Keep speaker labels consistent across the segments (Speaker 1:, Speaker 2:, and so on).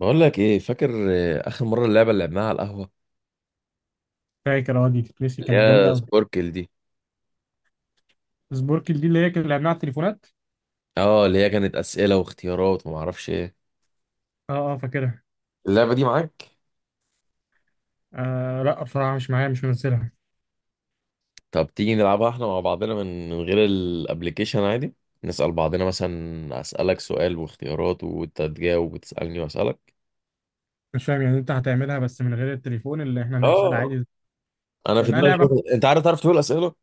Speaker 1: بقول لك ايه؟ فاكر آه، اخر مره اللعبه اللي لعبناها على القهوه،
Speaker 2: فاكر، اه دي تتنسي؟
Speaker 1: اللي
Speaker 2: كانت جامده
Speaker 1: هي
Speaker 2: قوي.
Speaker 1: سبوركل دي.
Speaker 2: سبوركل دي اللي هي كان لعبناها على التليفونات.
Speaker 1: اه، اللي هي كانت اسئله واختيارات وما اعرفش ايه.
Speaker 2: اه فاكرها.
Speaker 1: اللعبة دي معاك؟
Speaker 2: آه لا، بصراحه مش معايا، مش منزلها.
Speaker 1: طب تيجي نلعبها احنا مع بعضنا من غير الابليكيشن عادي. نسال بعضنا مثلا، اسالك سؤال واختيارات وانت تجاوب وتسالني واسالك.
Speaker 2: مش فاهم يعني، انت هتعملها بس من غير التليفون؟ اللي احنا نسال
Speaker 1: اه،
Speaker 2: عادي
Speaker 1: انا في
Speaker 2: كانها
Speaker 1: دماغي
Speaker 2: لعبه؟
Speaker 1: شويه، انت عارف تعرف تقول اسئله؟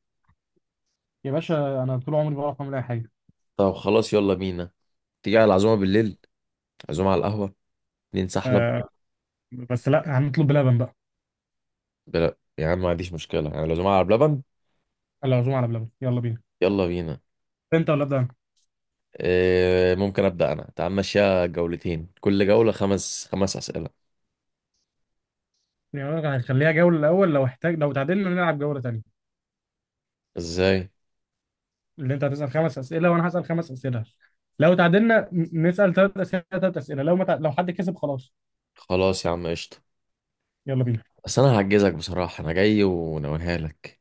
Speaker 2: يا باشا، انا طول عمري بعرف اعمل اي حاجه.
Speaker 1: طب خلاص، يلا بينا. تيجي على العزومه بالليل، عزومه على القهوه ننسحلب.
Speaker 2: آه، بس لا، هنطلب بلبن بقى.
Speaker 1: بلا يا عم، ما عنديش مشكله، يعني العزومه على بلبن.
Speaker 2: العزومه على بلبن، يلا بينا.
Speaker 1: يلا بينا.
Speaker 2: انت ولا ابدا أنا؟
Speaker 1: إيه، ممكن ابدا انا. تعال ماشيها جولتين، كل جوله خمس خمس اسئله.
Speaker 2: يعني أنا هنخليها جوله الاول، لو احتاج، لو تعادلنا نلعب جوله تانيه.
Speaker 1: ازاي؟
Speaker 2: اللي انت هتسال خمس اسئله وانا هسال خمس اسئله، لو تعادلنا نسال ثلاث اسئله ثلاث اسئله، لو ما تع... لو حد كسب خلاص.
Speaker 1: خلاص يا عم، قشطه.
Speaker 2: يلا بينا.
Speaker 1: بس انا هعجزك بصراحه، انا جاي وناويها لك.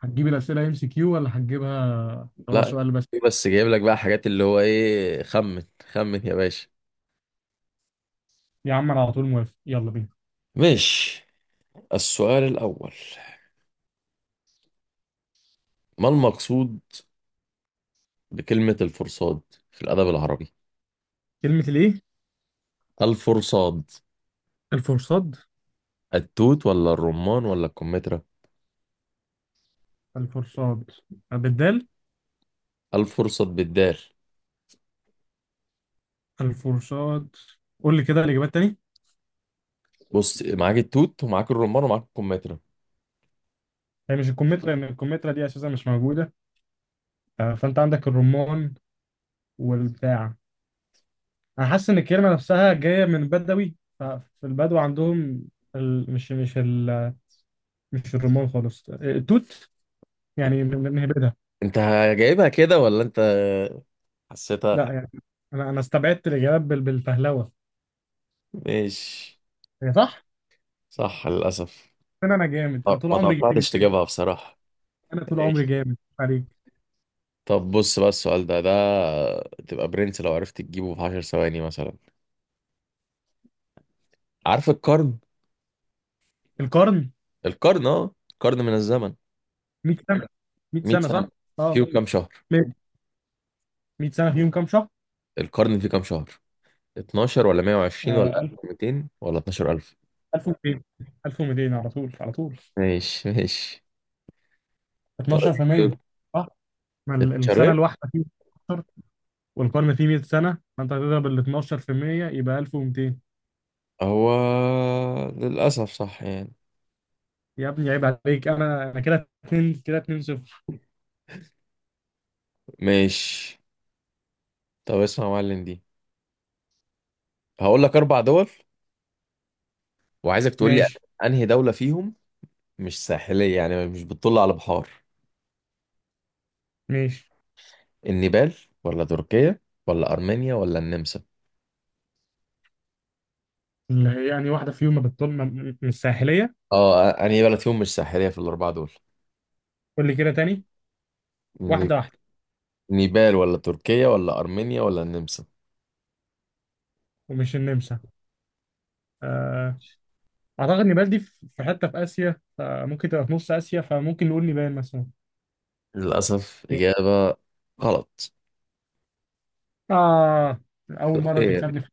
Speaker 2: هتجيب الأسئلة ام سي كيو، ولا هتجيبها اللي هو
Speaker 1: لا،
Speaker 2: سؤال بس؟
Speaker 1: بس جايب لك بقى حاجات اللي هو ايه، خمن. خمن يا باشا.
Speaker 2: يا عم أنا على طول موافق، يلا بينا.
Speaker 1: مش... السؤال الاول: ما المقصود بكلمه الفرصاد في الادب العربي؟
Speaker 2: كلمة الإيه؟
Speaker 1: الفرصاد،
Speaker 2: الفرصاد.
Speaker 1: التوت ولا الرمان ولا الكمثرى؟
Speaker 2: الفرصاد بالدال.
Speaker 1: الفرصاد بالدال.
Speaker 2: الفرصاد، قول لي كده الإجابات تاني.
Speaker 1: بص، معاك التوت ومعاك الرمان ومعاك الكمثرى.
Speaker 2: هي مش الكمثرى، لأن الكمثرى دي أساسا مش موجودة. آه، فأنت عندك الرمان والبتاع. أنا حاسس إن الكلمة نفسها جاية من بدوي، ففي البدو عندهم ال... مش مش ال... مش الرمان خالص. آه، التوت. يعني بنهبدها.
Speaker 1: انت جايبها كده ولا انت حسيتها؟
Speaker 2: لا يعني، أنا استبعدت الإجابات بالفهلوة.
Speaker 1: ماشي.
Speaker 2: هي صح؟
Speaker 1: صح للاسف.
Speaker 2: انا جامد، انا
Speaker 1: طب
Speaker 2: طول
Speaker 1: ما
Speaker 2: عمري جامد.
Speaker 1: توقعتش تجيبها بصراحه.
Speaker 2: انا طول عمري
Speaker 1: ماشي.
Speaker 2: جامد عليك.
Speaker 1: طب بص بقى السؤال ده تبقى برنس لو عرفت تجيبه في 10 ثواني مثلا. عارف القرن؟
Speaker 2: القرن
Speaker 1: القرن اه، قرن من الزمن
Speaker 2: 100 سنه. 100 سنه
Speaker 1: 100
Speaker 2: صح.
Speaker 1: سنه.
Speaker 2: اه.
Speaker 1: فيه كام شهر؟
Speaker 2: 100 سنه فيهم كام شهر؟
Speaker 1: القرن فيه كام شهر؟ 12 ولا 120 ولا
Speaker 2: آه، 1000.
Speaker 1: 1200 ولا 12000؟
Speaker 2: 1200. 1200، على طول على طول.
Speaker 1: ماشي ماشي.
Speaker 2: 12%،
Speaker 1: طيب
Speaker 2: صح. ما السنه
Speaker 1: الشرق...
Speaker 2: الواحده فيه 12، والقرن فيه 100 سنه، فانت هتضرب ال 12%، يبقى 1200.
Speaker 1: هو للأسف صح يعني.
Speaker 2: يا ابني عيب عليك، انا انا كده 2، كده 2 0.
Speaker 1: ماشي. طب اسمع يا معلم دي، هقول لك اربع دول وعايزك تقول لي
Speaker 2: ماشي
Speaker 1: انهي دولة فيهم مش ساحلية، يعني مش بتطل على بحار.
Speaker 2: ماشي.
Speaker 1: النيبال ولا تركيا ولا ارمينيا ولا النمسا؟
Speaker 2: يعني واحده فيهم ما بتطل من الساحليه؟
Speaker 1: اه، انهي بلد فيهم مش ساحلية في الاربعة دول؟
Speaker 2: قول لي كده تاني،
Speaker 1: النيب-
Speaker 2: واحده واحده.
Speaker 1: نيبال ولا تركيا ولا ارمينيا ولا النمسا؟
Speaker 2: ومش النمسا. آه، اعتقد نيبال دي في حته في اسيا، فممكن تبقى في نص اسيا، فممكن نقول نيبال مثلا.
Speaker 1: للاسف اجابة غلط.
Speaker 2: اه، اول مره
Speaker 1: تركيا،
Speaker 2: تكسبني في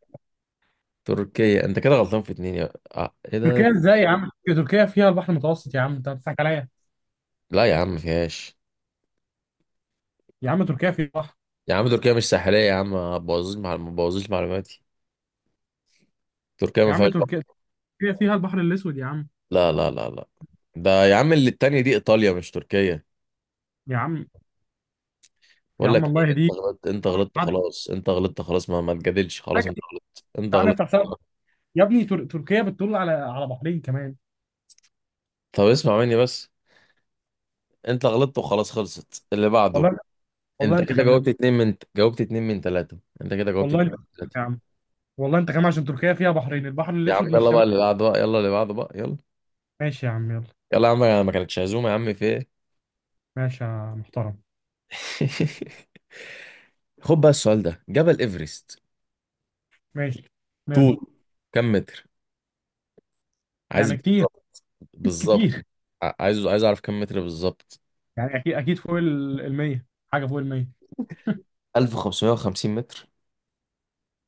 Speaker 1: تركيا. انت كده غلطان في اتنين، يا آه، ايه ده.
Speaker 2: تركيا! ازاي يا عم؟ تركيا فيها البحر المتوسط يا عم، انت بتضحك عليا.
Speaker 1: لا يا عم، ما فيهاش.
Speaker 2: يا عم تركيا فيها بحر.
Speaker 1: يا عم تركيا مش ساحلية، يا عم ما تبوظيش، مع ما تبوظيش معلوماتي. تركيا
Speaker 2: يا
Speaker 1: ما
Speaker 2: عم
Speaker 1: فيهاش.
Speaker 2: تركيا، تركيا فيها البحر الاسود يا عم.
Speaker 1: لا لا لا لا، ده يا عم اللي التانية دي إيطاليا مش تركيا.
Speaker 2: يا عم، يا
Speaker 1: بقول لك
Speaker 2: عم
Speaker 1: إيه،
Speaker 2: الله
Speaker 1: أنت
Speaker 2: يهديك.
Speaker 1: غلطت، أنت غلطت
Speaker 2: تعالى
Speaker 1: خلاص، أنت غلطت خلاص، ما تجادلش خلاص، أنت غلطت، أنت
Speaker 2: تعالى
Speaker 1: غلطت.
Speaker 2: نفتح حساب. يا ابني، تركيا بتطل على بحرين كمان.
Speaker 1: طب اسمع مني بس، أنت غلطت وخلاص، خلصت اللي بعده.
Speaker 2: والله. والله
Speaker 1: أنت
Speaker 2: انت
Speaker 1: كده
Speaker 2: خمنت.
Speaker 1: جاوبت اتنين من تلاتة، أنت كده جاوبت
Speaker 2: والله انت
Speaker 1: اتنين من
Speaker 2: خمنت
Speaker 1: تلاتة.
Speaker 2: يا عم. والله انت خمنت، عشان تركيا فيها بحرين، البحر
Speaker 1: يا عم
Speaker 2: الاسود مش
Speaker 1: يلا
Speaker 2: شمال.
Speaker 1: بقى اللي بعده بقى، يلا اللي بعده بقى، يلا.
Speaker 2: ماشي يا عم، يلا.
Speaker 1: يلا يا عم، ما كانتش عزومة يا عم في إيه.
Speaker 2: ماشي يا محترم.
Speaker 1: خد بقى السؤال ده، جبل إيفرست
Speaker 2: ماشي. ماله؟
Speaker 1: طول كم متر؟ عايز
Speaker 2: يعني كتير.
Speaker 1: بالظبط، بالظبط.
Speaker 2: كتير.
Speaker 1: عايز أعرف كم متر بالظبط.
Speaker 2: يعني اكيد اكيد فوق ال 100. حاجه فوق ال 100.
Speaker 1: 1550 متر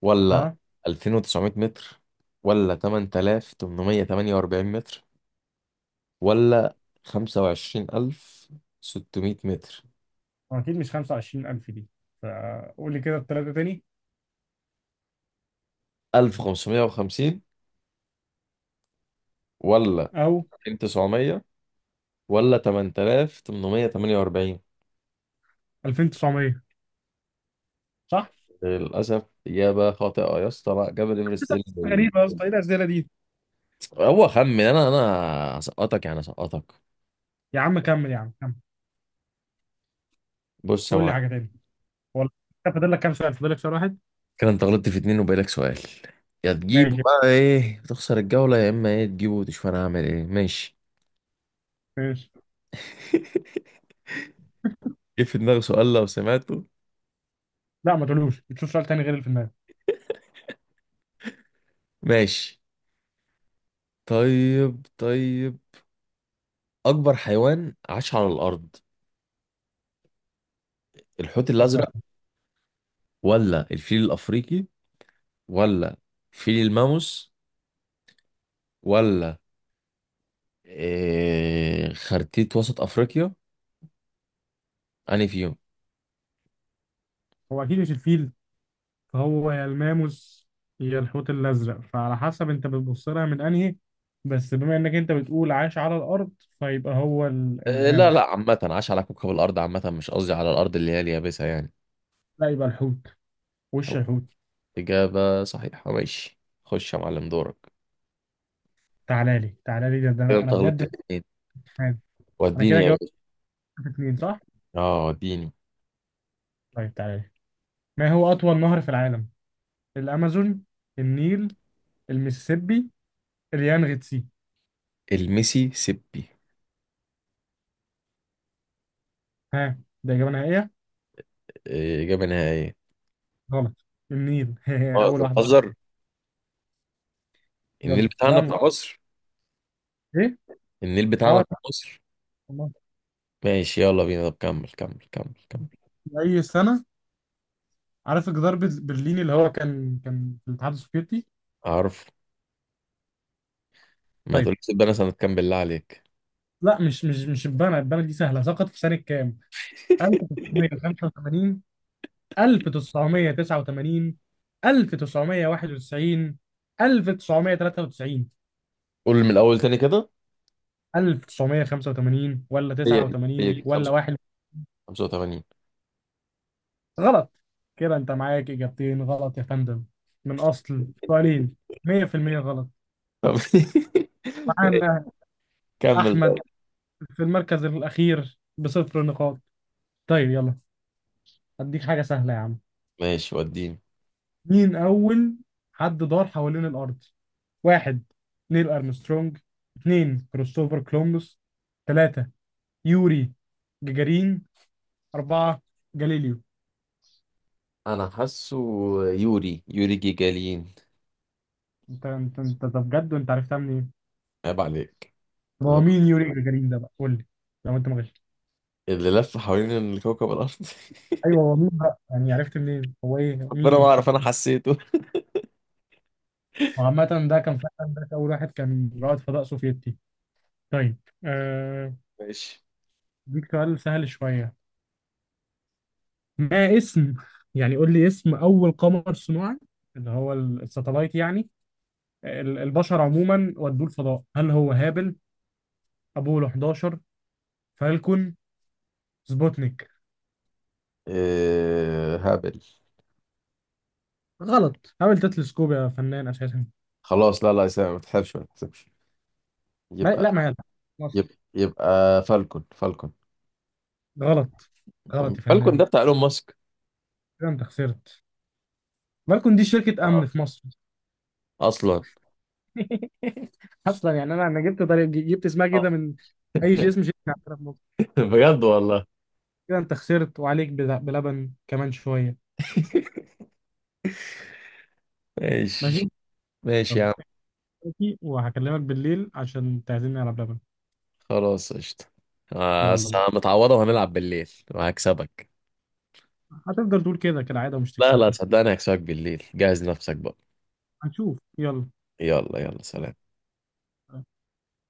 Speaker 1: ولا
Speaker 2: ها.
Speaker 1: 2900 متر ولا 8848 متر ولا 25600 متر؟
Speaker 2: اكيد مش 25,000 دي. فقول لي كده الثلاثه تاني.
Speaker 1: 1550 ولا
Speaker 2: او
Speaker 1: 2900 ولا 8848؟
Speaker 2: 2900؟ صح.
Speaker 1: للأسف إجابة خاطئة يا اسطى. لا جبل إيفرست،
Speaker 2: لسه؟
Speaker 1: إيه اللي...
Speaker 2: غريبه يا اسطى، ايه الاسئله دي.
Speaker 1: هو خمن، أنا هسقطك يعني، هسقطك.
Speaker 2: يا عم كمل، يا عم كمل.
Speaker 1: بص يا
Speaker 2: قول لي حاجه
Speaker 1: معلم.
Speaker 2: تاني. والله. أنت فاضل لك كام سؤال؟ فاضل لك سؤال واحد.
Speaker 1: كده انت غلطت في اتنين وبقالك سؤال، يا تجيبه
Speaker 2: ماشي
Speaker 1: بقى ايه تخسر الجولة، يا اما ايه تجيبه وتشوف انا هعمل ايه. ماشي.
Speaker 2: ماشي.
Speaker 1: جه في دماغي سؤال لو سمعته.
Speaker 2: لا ما تقولوش، تشوف سؤال تاني غير اللي في دماغك.
Speaker 1: ماشي. طيب طيب، اكبر حيوان عاش على الارض، الحوت
Speaker 2: اكبر؟
Speaker 1: الازرق ولا الفيل الافريقي ولا فيل الماموس ولا إيه، خرتيت وسط افريقيا؟ انهي فيهم؟
Speaker 2: هو اكيد مش الفيل، فهو يا الماموس يا الحوت الازرق، فعلى حسب انت بتبص لها من انهي. بس بما انك انت بتقول عاش على الارض، فيبقى هو
Speaker 1: إيه لا لا،
Speaker 2: الماموس.
Speaker 1: عامة عاش على كوكب الارض عامة، مش قصدي على الارض اللي هي اليابسة يعني.
Speaker 2: لا، يبقى الحوت. وش الحوت.
Speaker 1: إجابة صحيحة، ماشي. خش يا معلم دورك.
Speaker 2: تعالى لي، تعالى لي ده، ده
Speaker 1: كده
Speaker 2: انا، أنا
Speaker 1: أنت يلا
Speaker 2: بجد
Speaker 1: غلطت
Speaker 2: مش
Speaker 1: اتنين،
Speaker 2: فاهم. انا
Speaker 1: وديني
Speaker 2: كده
Speaker 1: يا
Speaker 2: جاوبت
Speaker 1: باشا.
Speaker 2: في اتنين صح؟
Speaker 1: اه وديني.
Speaker 2: طيب تعالى لي. ما هو اطول نهر في العالم؟ الامازون، النيل، المسيسيبي، اليانغتسي.
Speaker 1: الميسي سيبي.
Speaker 2: ها، ده اجابه نهائيه؟
Speaker 1: إيه، إجابة نهائية.
Speaker 2: غلط. النيل.
Speaker 1: اه،
Speaker 2: اول
Speaker 1: أنت
Speaker 2: واحده غلط.
Speaker 1: بتهزر. النيل
Speaker 2: يلا لا
Speaker 1: بتاعنا بتاع مصر.
Speaker 2: ايه؟
Speaker 1: النيل بتاعنا
Speaker 2: اه
Speaker 1: بتاع
Speaker 2: لا،
Speaker 1: مصر.
Speaker 2: والله.
Speaker 1: ماشي يلا بينا، طب كمل كمل كمل كمل.
Speaker 2: اي سنه، عارف جدار برلين اللي هو كان في الاتحاد السوفيتي؟
Speaker 1: عارف... ما
Speaker 2: طيب،
Speaker 1: تقولش سيبي، أنا سنة كام بالله عليك.
Speaker 2: لا مش البنا دي سهله. سقط في سنه كام؟ 1985، 1989، 1991، 1993.
Speaker 1: قول من الأول تاني كده.
Speaker 2: 1985 ولا
Speaker 1: هي دي هي
Speaker 2: 89
Speaker 1: دي
Speaker 2: ولا واحد.
Speaker 1: 85.
Speaker 2: غلط. كده انت معاك اجابتين غلط يا فندم، من اصل سؤالين، 100% غلط.
Speaker 1: طب
Speaker 2: معانا
Speaker 1: كمل.
Speaker 2: احمد
Speaker 1: طيب.
Speaker 2: في المركز الاخير بصفر نقاط. طيب يلا، هديك حاجه سهله يا عم.
Speaker 1: ماشي وديني.
Speaker 2: مين اول حد دار حوالين الارض؟ واحد، نيل ارمسترونج. اثنين، كريستوفر كولومبوس. ثلاثة، يوري جاجارين. أربعة، جاليليو.
Speaker 1: انا حاسه، يوري جيجالين.
Speaker 2: أنت طب بجد، وأنت عرفتها منين؟
Speaker 1: عيب عليك.
Speaker 2: طب هو مين يوري جاجارين ده بقى؟ قول لي، لو أنت ما غششت.
Speaker 1: اللي لف حوالين الكوكب الأرض.
Speaker 2: أيوه، هو مين بقى؟ يعني عرفت منين؟ هو إيه،
Speaker 1: ربنا
Speaker 2: مين
Speaker 1: ما
Speaker 2: الشخص
Speaker 1: أعرف، أنا
Speaker 2: ده؟
Speaker 1: حسيته.
Speaker 2: وعامة، ده كان فعلا ده أول واحد كان رائد فضاء سوفيتي. طيب. آه.
Speaker 1: ماشي.
Speaker 2: ديك سؤال سهل شوية. ما اسم، يعني قول لي اسم أول قمر صناعي، اللي هو الساتلايت يعني، البشر عموما ودوه الفضاء؟ هل هو هابل، أبولو 11، فالكون، سبوتنيك؟
Speaker 1: إيه هابل.
Speaker 2: غلط، حاول تتلسكوب يا فنان اساسا.
Speaker 1: خلاص، لا لا يا سامي، ما تحسبش ما تحسبش.
Speaker 2: ما
Speaker 1: يبقى...
Speaker 2: لا ما يلعب مصر.
Speaker 1: يبقى فالكون، فالكون.
Speaker 2: غلط، غلط يا
Speaker 1: فالكون
Speaker 2: فنان.
Speaker 1: ده بتاع إيلون ماسك
Speaker 2: كده انت خسرت. بالكون دي شركة امن في مصر.
Speaker 1: أصلا.
Speaker 2: اصلا يعني، انا انا جبت طريق، جبت اسمها
Speaker 1: آه.
Speaker 2: كده من اي شيء، اسم شركة عندنا في مصر.
Speaker 1: بجد والله.
Speaker 2: كده انت خسرت، وعليك بلبن كمان شوية. ماشي.
Speaker 1: ماشي. ماشي يا
Speaker 2: يلا،
Speaker 1: عم.
Speaker 2: احكي وهكلمك بالليل عشان تعزمني على بلبن.
Speaker 1: خلاص قشطة. آه،
Speaker 2: يلا،
Speaker 1: بس أنا متعوضة، وهنلعب بالليل وهكسبك.
Speaker 2: هتفضل تقول كده كالعادة ومش
Speaker 1: لا لا،
Speaker 2: تكسبني.
Speaker 1: صدقني هكسبك بالليل، جهز نفسك بقى.
Speaker 2: هنشوف، يلا.
Speaker 1: يلا يلا سلام.